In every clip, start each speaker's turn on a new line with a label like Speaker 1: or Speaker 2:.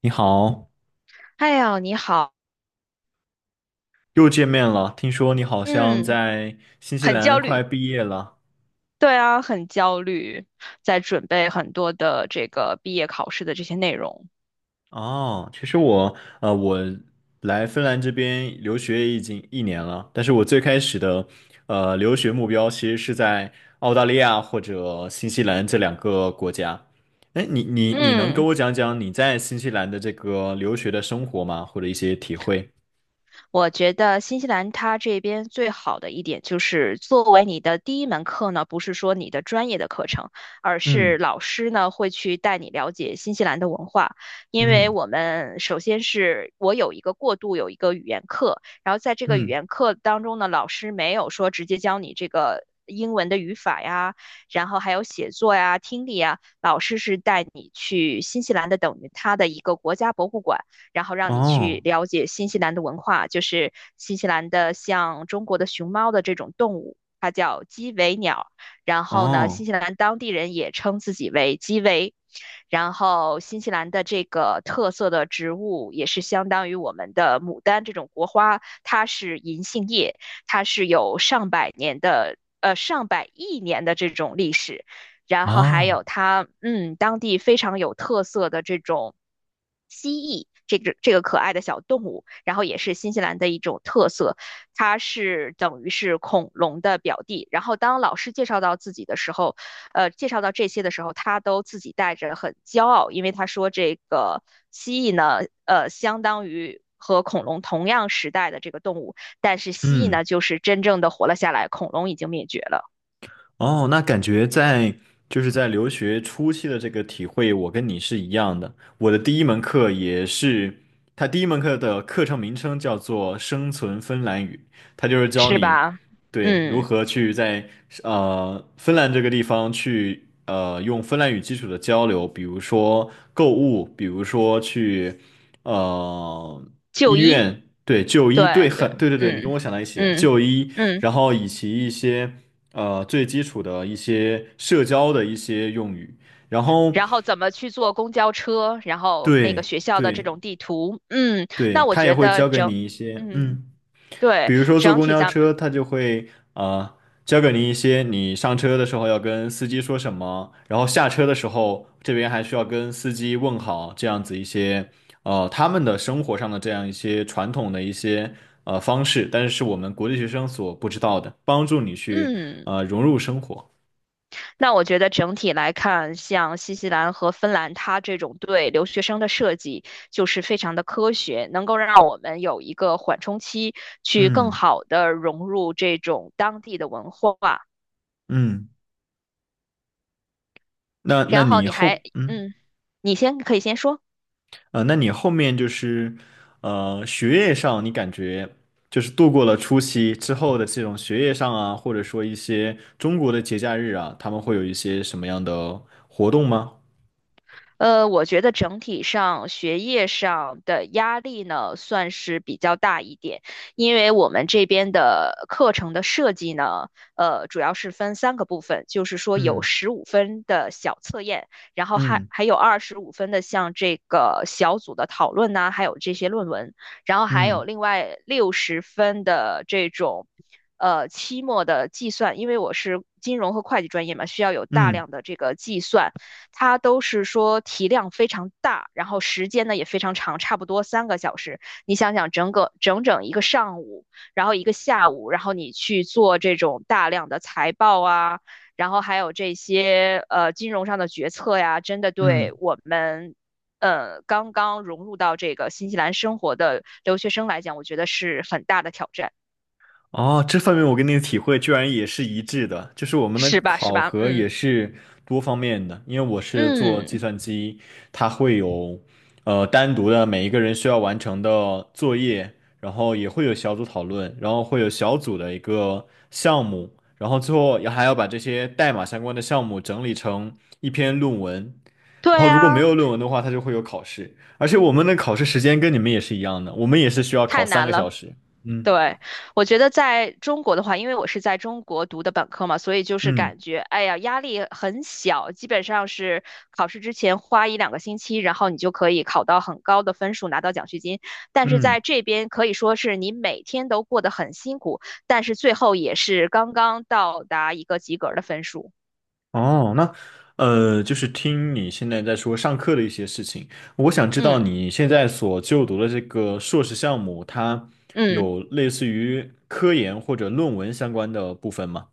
Speaker 1: 你好，
Speaker 2: 哎呀，你好。
Speaker 1: 又见面了。听说你好像
Speaker 2: 嗯，
Speaker 1: 在新西
Speaker 2: 很
Speaker 1: 兰
Speaker 2: 焦
Speaker 1: 快
Speaker 2: 虑。
Speaker 1: 毕业了。
Speaker 2: 对啊，很焦虑，在准备很多的这个毕业考试的这些内容。
Speaker 1: 哦，其实我来芬兰这边留学已经一年了，但是我最开始的留学目标其实是在澳大利亚或者新西兰这两个国家。哎，你能跟
Speaker 2: 嗯。
Speaker 1: 我讲讲你在新西兰的这个留学的生活吗？或者一些体会？
Speaker 2: 我觉得新西兰它这边最好的一点就是，作为你的第一门课呢，不是说你的专业的课程，而
Speaker 1: 嗯
Speaker 2: 是老师呢会去带你了解新西兰的文化。因为
Speaker 1: 嗯
Speaker 2: 我们首先是我有一个过渡，有一个语言课，然后在这个语
Speaker 1: 嗯，
Speaker 2: 言课当中呢，老师没有说直接教你这个英文的语法呀，然后还有写作呀、听力呀，老师是带你去新西兰的，等于它的一个国家博物馆。然后让你去
Speaker 1: 哦
Speaker 2: 了解新西兰的文化，就是新西兰的像中国的熊猫的这种动物，它叫鸡尾鸟。然后呢，
Speaker 1: 哦
Speaker 2: 新西兰当地人也称自己为鸡尾。然后新西兰的这个特色的植物也是相当于我们的牡丹这种国花，它是银杏叶，它是有上百年的上百亿年的这种历史，然后还
Speaker 1: 哦，
Speaker 2: 有它当地非常有特色的这种蜥蜴。这个可爱的小动物，然后也是新西兰的一种特色，它是等于是恐龙的表弟。然后当老师介绍到自己的时候，介绍到这些的时候，他都自己带着很骄傲，因为他说这个蜥蜴呢，相当于和恐龙同样时代的这个动物，但是蜥蜴
Speaker 1: 嗯。
Speaker 2: 呢，就是真正的活了下来，恐龙已经灭绝了。
Speaker 1: 哦，那感觉就是在留学初期的这个体会，我跟你是一样的。我的第一门课也是，它第一门课的课程名称叫做《生存芬兰语》，它就是教
Speaker 2: 是
Speaker 1: 你
Speaker 2: 吧？
Speaker 1: 对如
Speaker 2: 嗯，
Speaker 1: 何去在芬兰这个地方去用芬兰语基础的交流，比如说购物，比如说去呃医
Speaker 2: 就医，
Speaker 1: 院，对就医，对
Speaker 2: 对对，
Speaker 1: 很对对对，你跟
Speaker 2: 嗯
Speaker 1: 我想到一起，
Speaker 2: 嗯
Speaker 1: 就医，
Speaker 2: 嗯。
Speaker 1: 然后以及一些。最基础的一些社交的一些用语，然后
Speaker 2: 然后怎么去坐公交车，然后那个
Speaker 1: 对
Speaker 2: 学校的这
Speaker 1: 对
Speaker 2: 种地图。嗯，
Speaker 1: 对，
Speaker 2: 那我
Speaker 1: 他也
Speaker 2: 觉
Speaker 1: 会
Speaker 2: 得
Speaker 1: 教给你一些，
Speaker 2: 嗯，
Speaker 1: 嗯，
Speaker 2: 对，
Speaker 1: 比如说坐
Speaker 2: 整
Speaker 1: 公
Speaker 2: 体
Speaker 1: 交
Speaker 2: 咱们，
Speaker 1: 车，他就会呃教给你一些你上车的时候要跟司机说什么，然后下车的时候这边还需要跟司机问好，这样子一些他们的生活上的这样一些传统的一些方式，但是是我们国际学生所不知道的，帮助你去
Speaker 2: 嗯。
Speaker 1: 融入生活。
Speaker 2: 那我觉得整体来看，像新西兰和芬兰，它这种对留学生的设计就是非常的科学，能够让我们有一个缓冲期，去更
Speaker 1: 嗯
Speaker 2: 好的融入这种当地的文化。
Speaker 1: 嗯。那那
Speaker 2: 然后
Speaker 1: 你
Speaker 2: 你还，
Speaker 1: 后嗯
Speaker 2: 嗯，你先可以先说。
Speaker 1: 那你后面就是学业上，你感觉就是度过了初期之后的这种学业上啊，或者说一些中国的节假日啊，他们会有一些什么样的活动吗？
Speaker 2: 我觉得整体上学业上的压力呢，算是比较大一点，因为我们这边的课程的设计呢，主要是分三个部分，就是说有
Speaker 1: 嗯
Speaker 2: 十五分的小测验，然后还
Speaker 1: 嗯
Speaker 2: 还有25分的像这个小组的讨论呐、还有这些论文，然后还
Speaker 1: 嗯
Speaker 2: 有另外60分的这种，期末的计算，因为我是金融和会计专业嘛，需要有大
Speaker 1: 嗯
Speaker 2: 量的这个计算，它都是说体量非常大，然后时间呢也非常长，差不多3个小时。你想想，整个整整一个上午，然后一个下午，然后你去做这种大量的财报啊，然后还有这些金融上的决策呀，真的
Speaker 1: 嗯。
Speaker 2: 对我们刚刚融入到这个新西兰生活的留学生来讲，我觉得是很大的挑战。
Speaker 1: 哦，这方面我跟你的体会居然也是一致的，就是我们的
Speaker 2: 是吧？是
Speaker 1: 考
Speaker 2: 吧？
Speaker 1: 核
Speaker 2: 嗯
Speaker 1: 也是多方面的，因为我是做计
Speaker 2: 嗯，
Speaker 1: 算机，它会有单独的每一个人需要完成的作业，然后也会有小组讨论，然后会有小组的一个项目，然后最后也还要把这些代码相关的项目整理成一篇论文，然后
Speaker 2: 对
Speaker 1: 如果没
Speaker 2: 啊，
Speaker 1: 有论文的话，它就会有考试，而且我们的考试时间跟你们也是一样的，我们也是需要考
Speaker 2: 太
Speaker 1: 三个
Speaker 2: 难了。
Speaker 1: 小时。嗯
Speaker 2: 对，我觉得在中国的话，因为我是在中国读的本科嘛，所以就是
Speaker 1: 嗯。
Speaker 2: 感觉，哎呀，压力很小，基本上是考试之前花一两个星期，然后你就可以考到很高的分数，拿到奖学金。但是在
Speaker 1: 嗯，
Speaker 2: 这边可以说是你每天都过得很辛苦，但是最后也是刚刚到达一个及格的分数。
Speaker 1: 哦，那就是听你现在在说上课的一些事情，我想知道
Speaker 2: 嗯
Speaker 1: 你现在所就读的这个硕士项目，它
Speaker 2: 嗯。
Speaker 1: 有类似于科研或者论文相关的部分吗？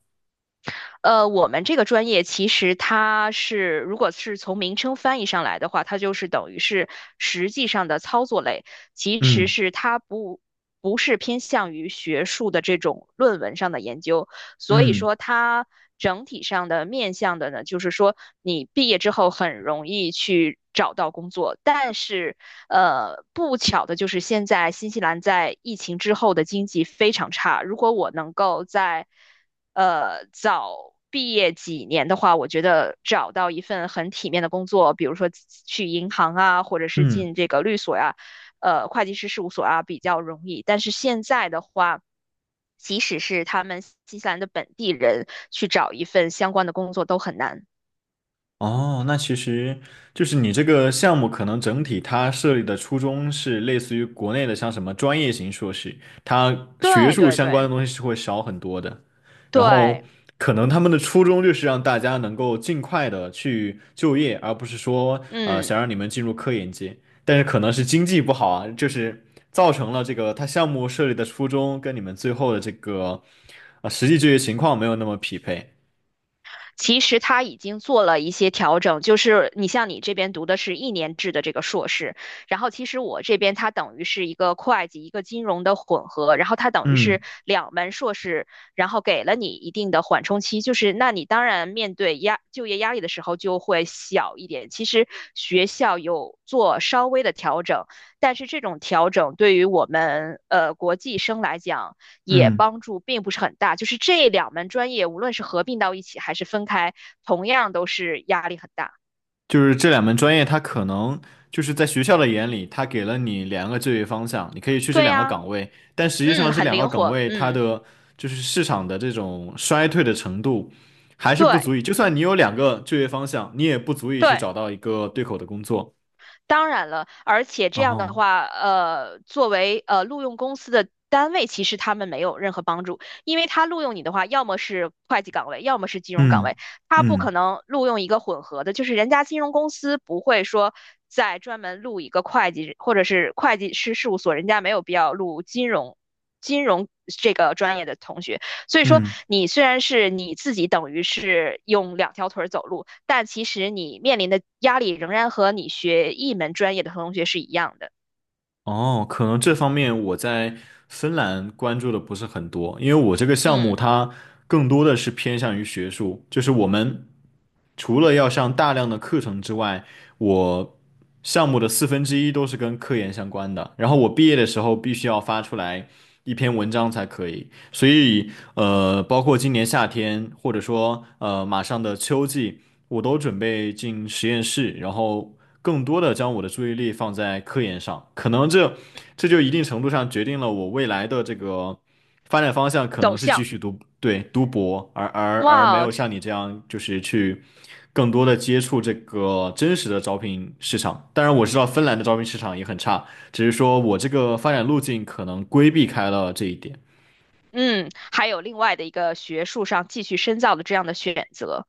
Speaker 2: 我们这个专业其实它是，如果是从名称翻译上来的话，它就是等于是实际上的操作类，其实
Speaker 1: 嗯
Speaker 2: 是它不是偏向于学术的这种论文上的研究，所以
Speaker 1: 嗯
Speaker 2: 说它整体上的面向的呢，就是说你毕业之后很容易去找到工作，但是不巧的就是现在新西兰在疫情之后的经济非常差。如果我能够在早毕业几年的话，我觉得找到一份很体面的工作，比如说去银行啊，或者是
Speaker 1: 嗯。
Speaker 2: 进这个律所呀、会计师事务所啊，比较容易。但是现在的话，即使是他们新西兰的本地人去找一份相关的工作都很难。
Speaker 1: 哦，那其实就是你这个项目可能整体它设立的初衷是类似于国内的像什么专业型硕士，它学
Speaker 2: 对
Speaker 1: 术
Speaker 2: 对
Speaker 1: 相关的
Speaker 2: 对
Speaker 1: 东西是会少很多的。然后
Speaker 2: 对，
Speaker 1: 可能他们的初衷就是让大家能够尽快的去就业，而不是说
Speaker 2: 嗯。
Speaker 1: 想让你们进入科研界。但是可能是经济不好啊，就是造成了这个他项目设立的初衷跟你们最后的这个实际就业情况没有那么匹配。
Speaker 2: 其实他已经做了一些调整，就是你像你这边读的是1年制的这个硕士，然后其实我这边它等于是一个会计、一个金融的混合，然后它等于
Speaker 1: 嗯
Speaker 2: 是2门硕士，然后给了你一定的缓冲期，就是那你当然面对就业压力的时候就会小一点。其实学校有做稍微的调整，但是这种调整对于我们国际生来讲，也
Speaker 1: 嗯。
Speaker 2: 帮助并不是很大。就是这两门专业，无论是合并到一起还是分开，同样都是压力很大。
Speaker 1: 就是这两门专业，它可能就是在学校的眼里，它给了你两个就业方向，你可以去这
Speaker 2: 对
Speaker 1: 两个
Speaker 2: 呀、啊
Speaker 1: 岗位，但实际上
Speaker 2: 嗯，
Speaker 1: 这
Speaker 2: 很
Speaker 1: 两个
Speaker 2: 灵
Speaker 1: 岗
Speaker 2: 活，
Speaker 1: 位它
Speaker 2: 嗯，
Speaker 1: 的就是市场的这种衰退的程度还是不
Speaker 2: 对
Speaker 1: 足以，就算你有两个就业方向，你也不足以去
Speaker 2: 对。
Speaker 1: 找到一个对口的工作。
Speaker 2: 当然了，而且这
Speaker 1: 然
Speaker 2: 样的
Speaker 1: 后，
Speaker 2: 话，作为录用公司的单位，其实他们没有任何帮助，因为他录用你的话，要么是会计岗位，要么是金融岗位，
Speaker 1: 嗯
Speaker 2: 他不可
Speaker 1: 嗯
Speaker 2: 能录用一个混合的，就是人家金融公司不会说再专门录一个会计，或者是会计师事务所，人家没有必要录金融金融这个专业的同学，所以说，
Speaker 1: 嗯。
Speaker 2: 你虽然是你自己等于是用两条腿走路，但其实你面临的压力仍然和你学一门专业的同学是一样的。
Speaker 1: 哦，可能这方面我在芬兰关注的不是很多，因为我这个项目
Speaker 2: 嗯，
Speaker 1: 它更多的是偏向于学术，就是我们除了要上大量的课程之外，我项目的四分之一都是跟科研相关的，然后我毕业的时候必须要发出来一篇文章才可以，所以包括今年夏天或者说马上的秋季，我都准备进实验室，然后更多的将我的注意力放在科研上，可能这就一定程度上决定了我未来的这个发展方向可
Speaker 2: 走
Speaker 1: 能是继
Speaker 2: 向，
Speaker 1: 续读，对，读博，而没
Speaker 2: 哇，
Speaker 1: 有
Speaker 2: 这
Speaker 1: 像你这样就是去更多的接触这个真实的招聘市场。当然，我知道芬兰的招聘市场也很差，只是说我这个发展路径可能规避开了这一点。
Speaker 2: 嗯，还有另外的一个学术上继续深造的这样的选择。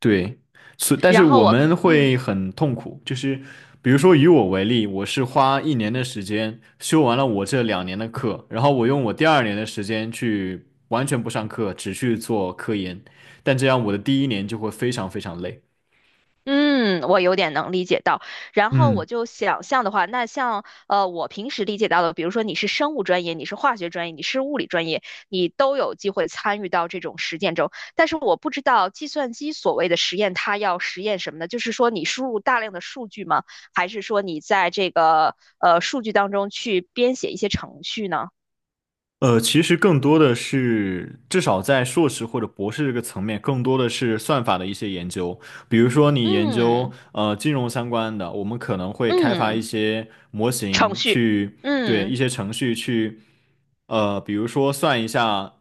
Speaker 1: 对，但是
Speaker 2: 然后
Speaker 1: 我
Speaker 2: 我，
Speaker 1: 们
Speaker 2: 嗯。
Speaker 1: 会很痛苦，就是比如说以我为例，我是花一年的时间修完了我这2年的课，然后我用我第二年的时间去完全不上课，只去做科研，但这样我的第一年就会非常非常累。
Speaker 2: 嗯，我有点能理解到。然后
Speaker 1: 嗯。
Speaker 2: 我就想象的话，那像我平时理解到的，比如说你是生物专业，你是化学专业，你是物理专业，你都有机会参与到这种实践中。但是我不知道计算机所谓的实验，它要实验什么呢？就是说你输入大量的数据吗？还是说你在这个数据当中去编写一些程序呢？
Speaker 1: 其实更多的是，至少在硕士或者博士这个层面，更多的是算法的一些研究。比如说，你研究
Speaker 2: 嗯
Speaker 1: 金融相关的，我们可能会开发
Speaker 2: 嗯，
Speaker 1: 一些模
Speaker 2: 程
Speaker 1: 型
Speaker 2: 序，
Speaker 1: 去，对一
Speaker 2: 嗯。
Speaker 1: 些程序去比如说算一下，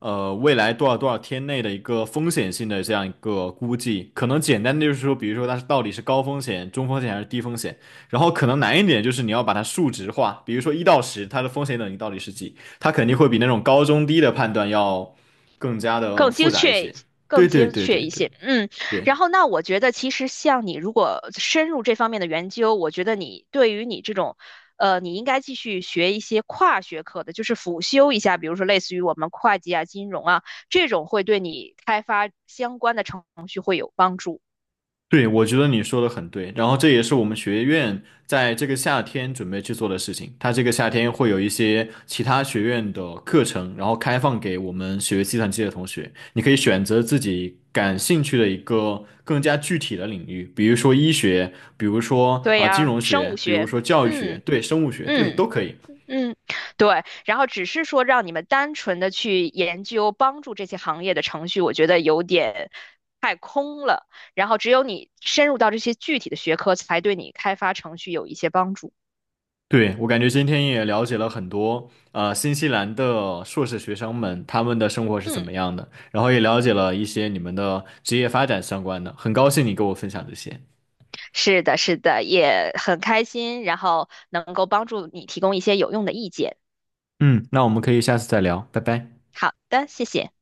Speaker 1: 未来多少多少天内的一个风险性的这样一个估计，可能简单的就是说，比如说它到底是高风险、中风险还是低风险，然后可能难一点就是你要把它数值化，比如说1到10，它的风险等级到底是几，它肯定会比那种高中低的判断要更加的
Speaker 2: 更
Speaker 1: 复
Speaker 2: 精
Speaker 1: 杂一
Speaker 2: 确
Speaker 1: 些。
Speaker 2: 更
Speaker 1: 对对
Speaker 2: 精
Speaker 1: 对对
Speaker 2: 确一
Speaker 1: 对
Speaker 2: 些。嗯，
Speaker 1: 对。
Speaker 2: 然后那我觉得其实像你如果深入这方面的研究，我觉得你对于你这种，你应该继续学一些跨学科的，就是辅修一下，比如说类似于我们会计啊、金融啊这种，会对你开发相关的程序会有帮助。
Speaker 1: 对，我觉得你说的很对，然后这也是我们学院在这个夏天准备去做的事情。它这个夏天会有一些其他学院的课程，然后开放给我们学计算机的同学，你可以选择自己感兴趣的一个更加具体的领域，比如说医学，比如说
Speaker 2: 对
Speaker 1: 啊、金
Speaker 2: 呀，
Speaker 1: 融
Speaker 2: 生物
Speaker 1: 学，比如
Speaker 2: 学，
Speaker 1: 说教育学，
Speaker 2: 嗯
Speaker 1: 对，生物学，对，
Speaker 2: 嗯
Speaker 1: 都可以。
Speaker 2: 嗯，对。然后只是说让你们单纯的去研究帮助这些行业的程序，我觉得有点。然后只有你深入到这些具体的学科，才对你开发程序有一些帮助。
Speaker 1: 对，我感觉今天也了解了很多，新西兰的硕士学生们他们的生活是怎
Speaker 2: 嗯，
Speaker 1: 么样的，然后也了解了一些你们的职业发展相关的，很高兴你跟我分享这些。
Speaker 2: 是的，是的，也很开心，然后能够帮助你提供一些有用的意见。
Speaker 1: 嗯，那我们可以下次再聊，拜拜。
Speaker 2: 好的，谢谢。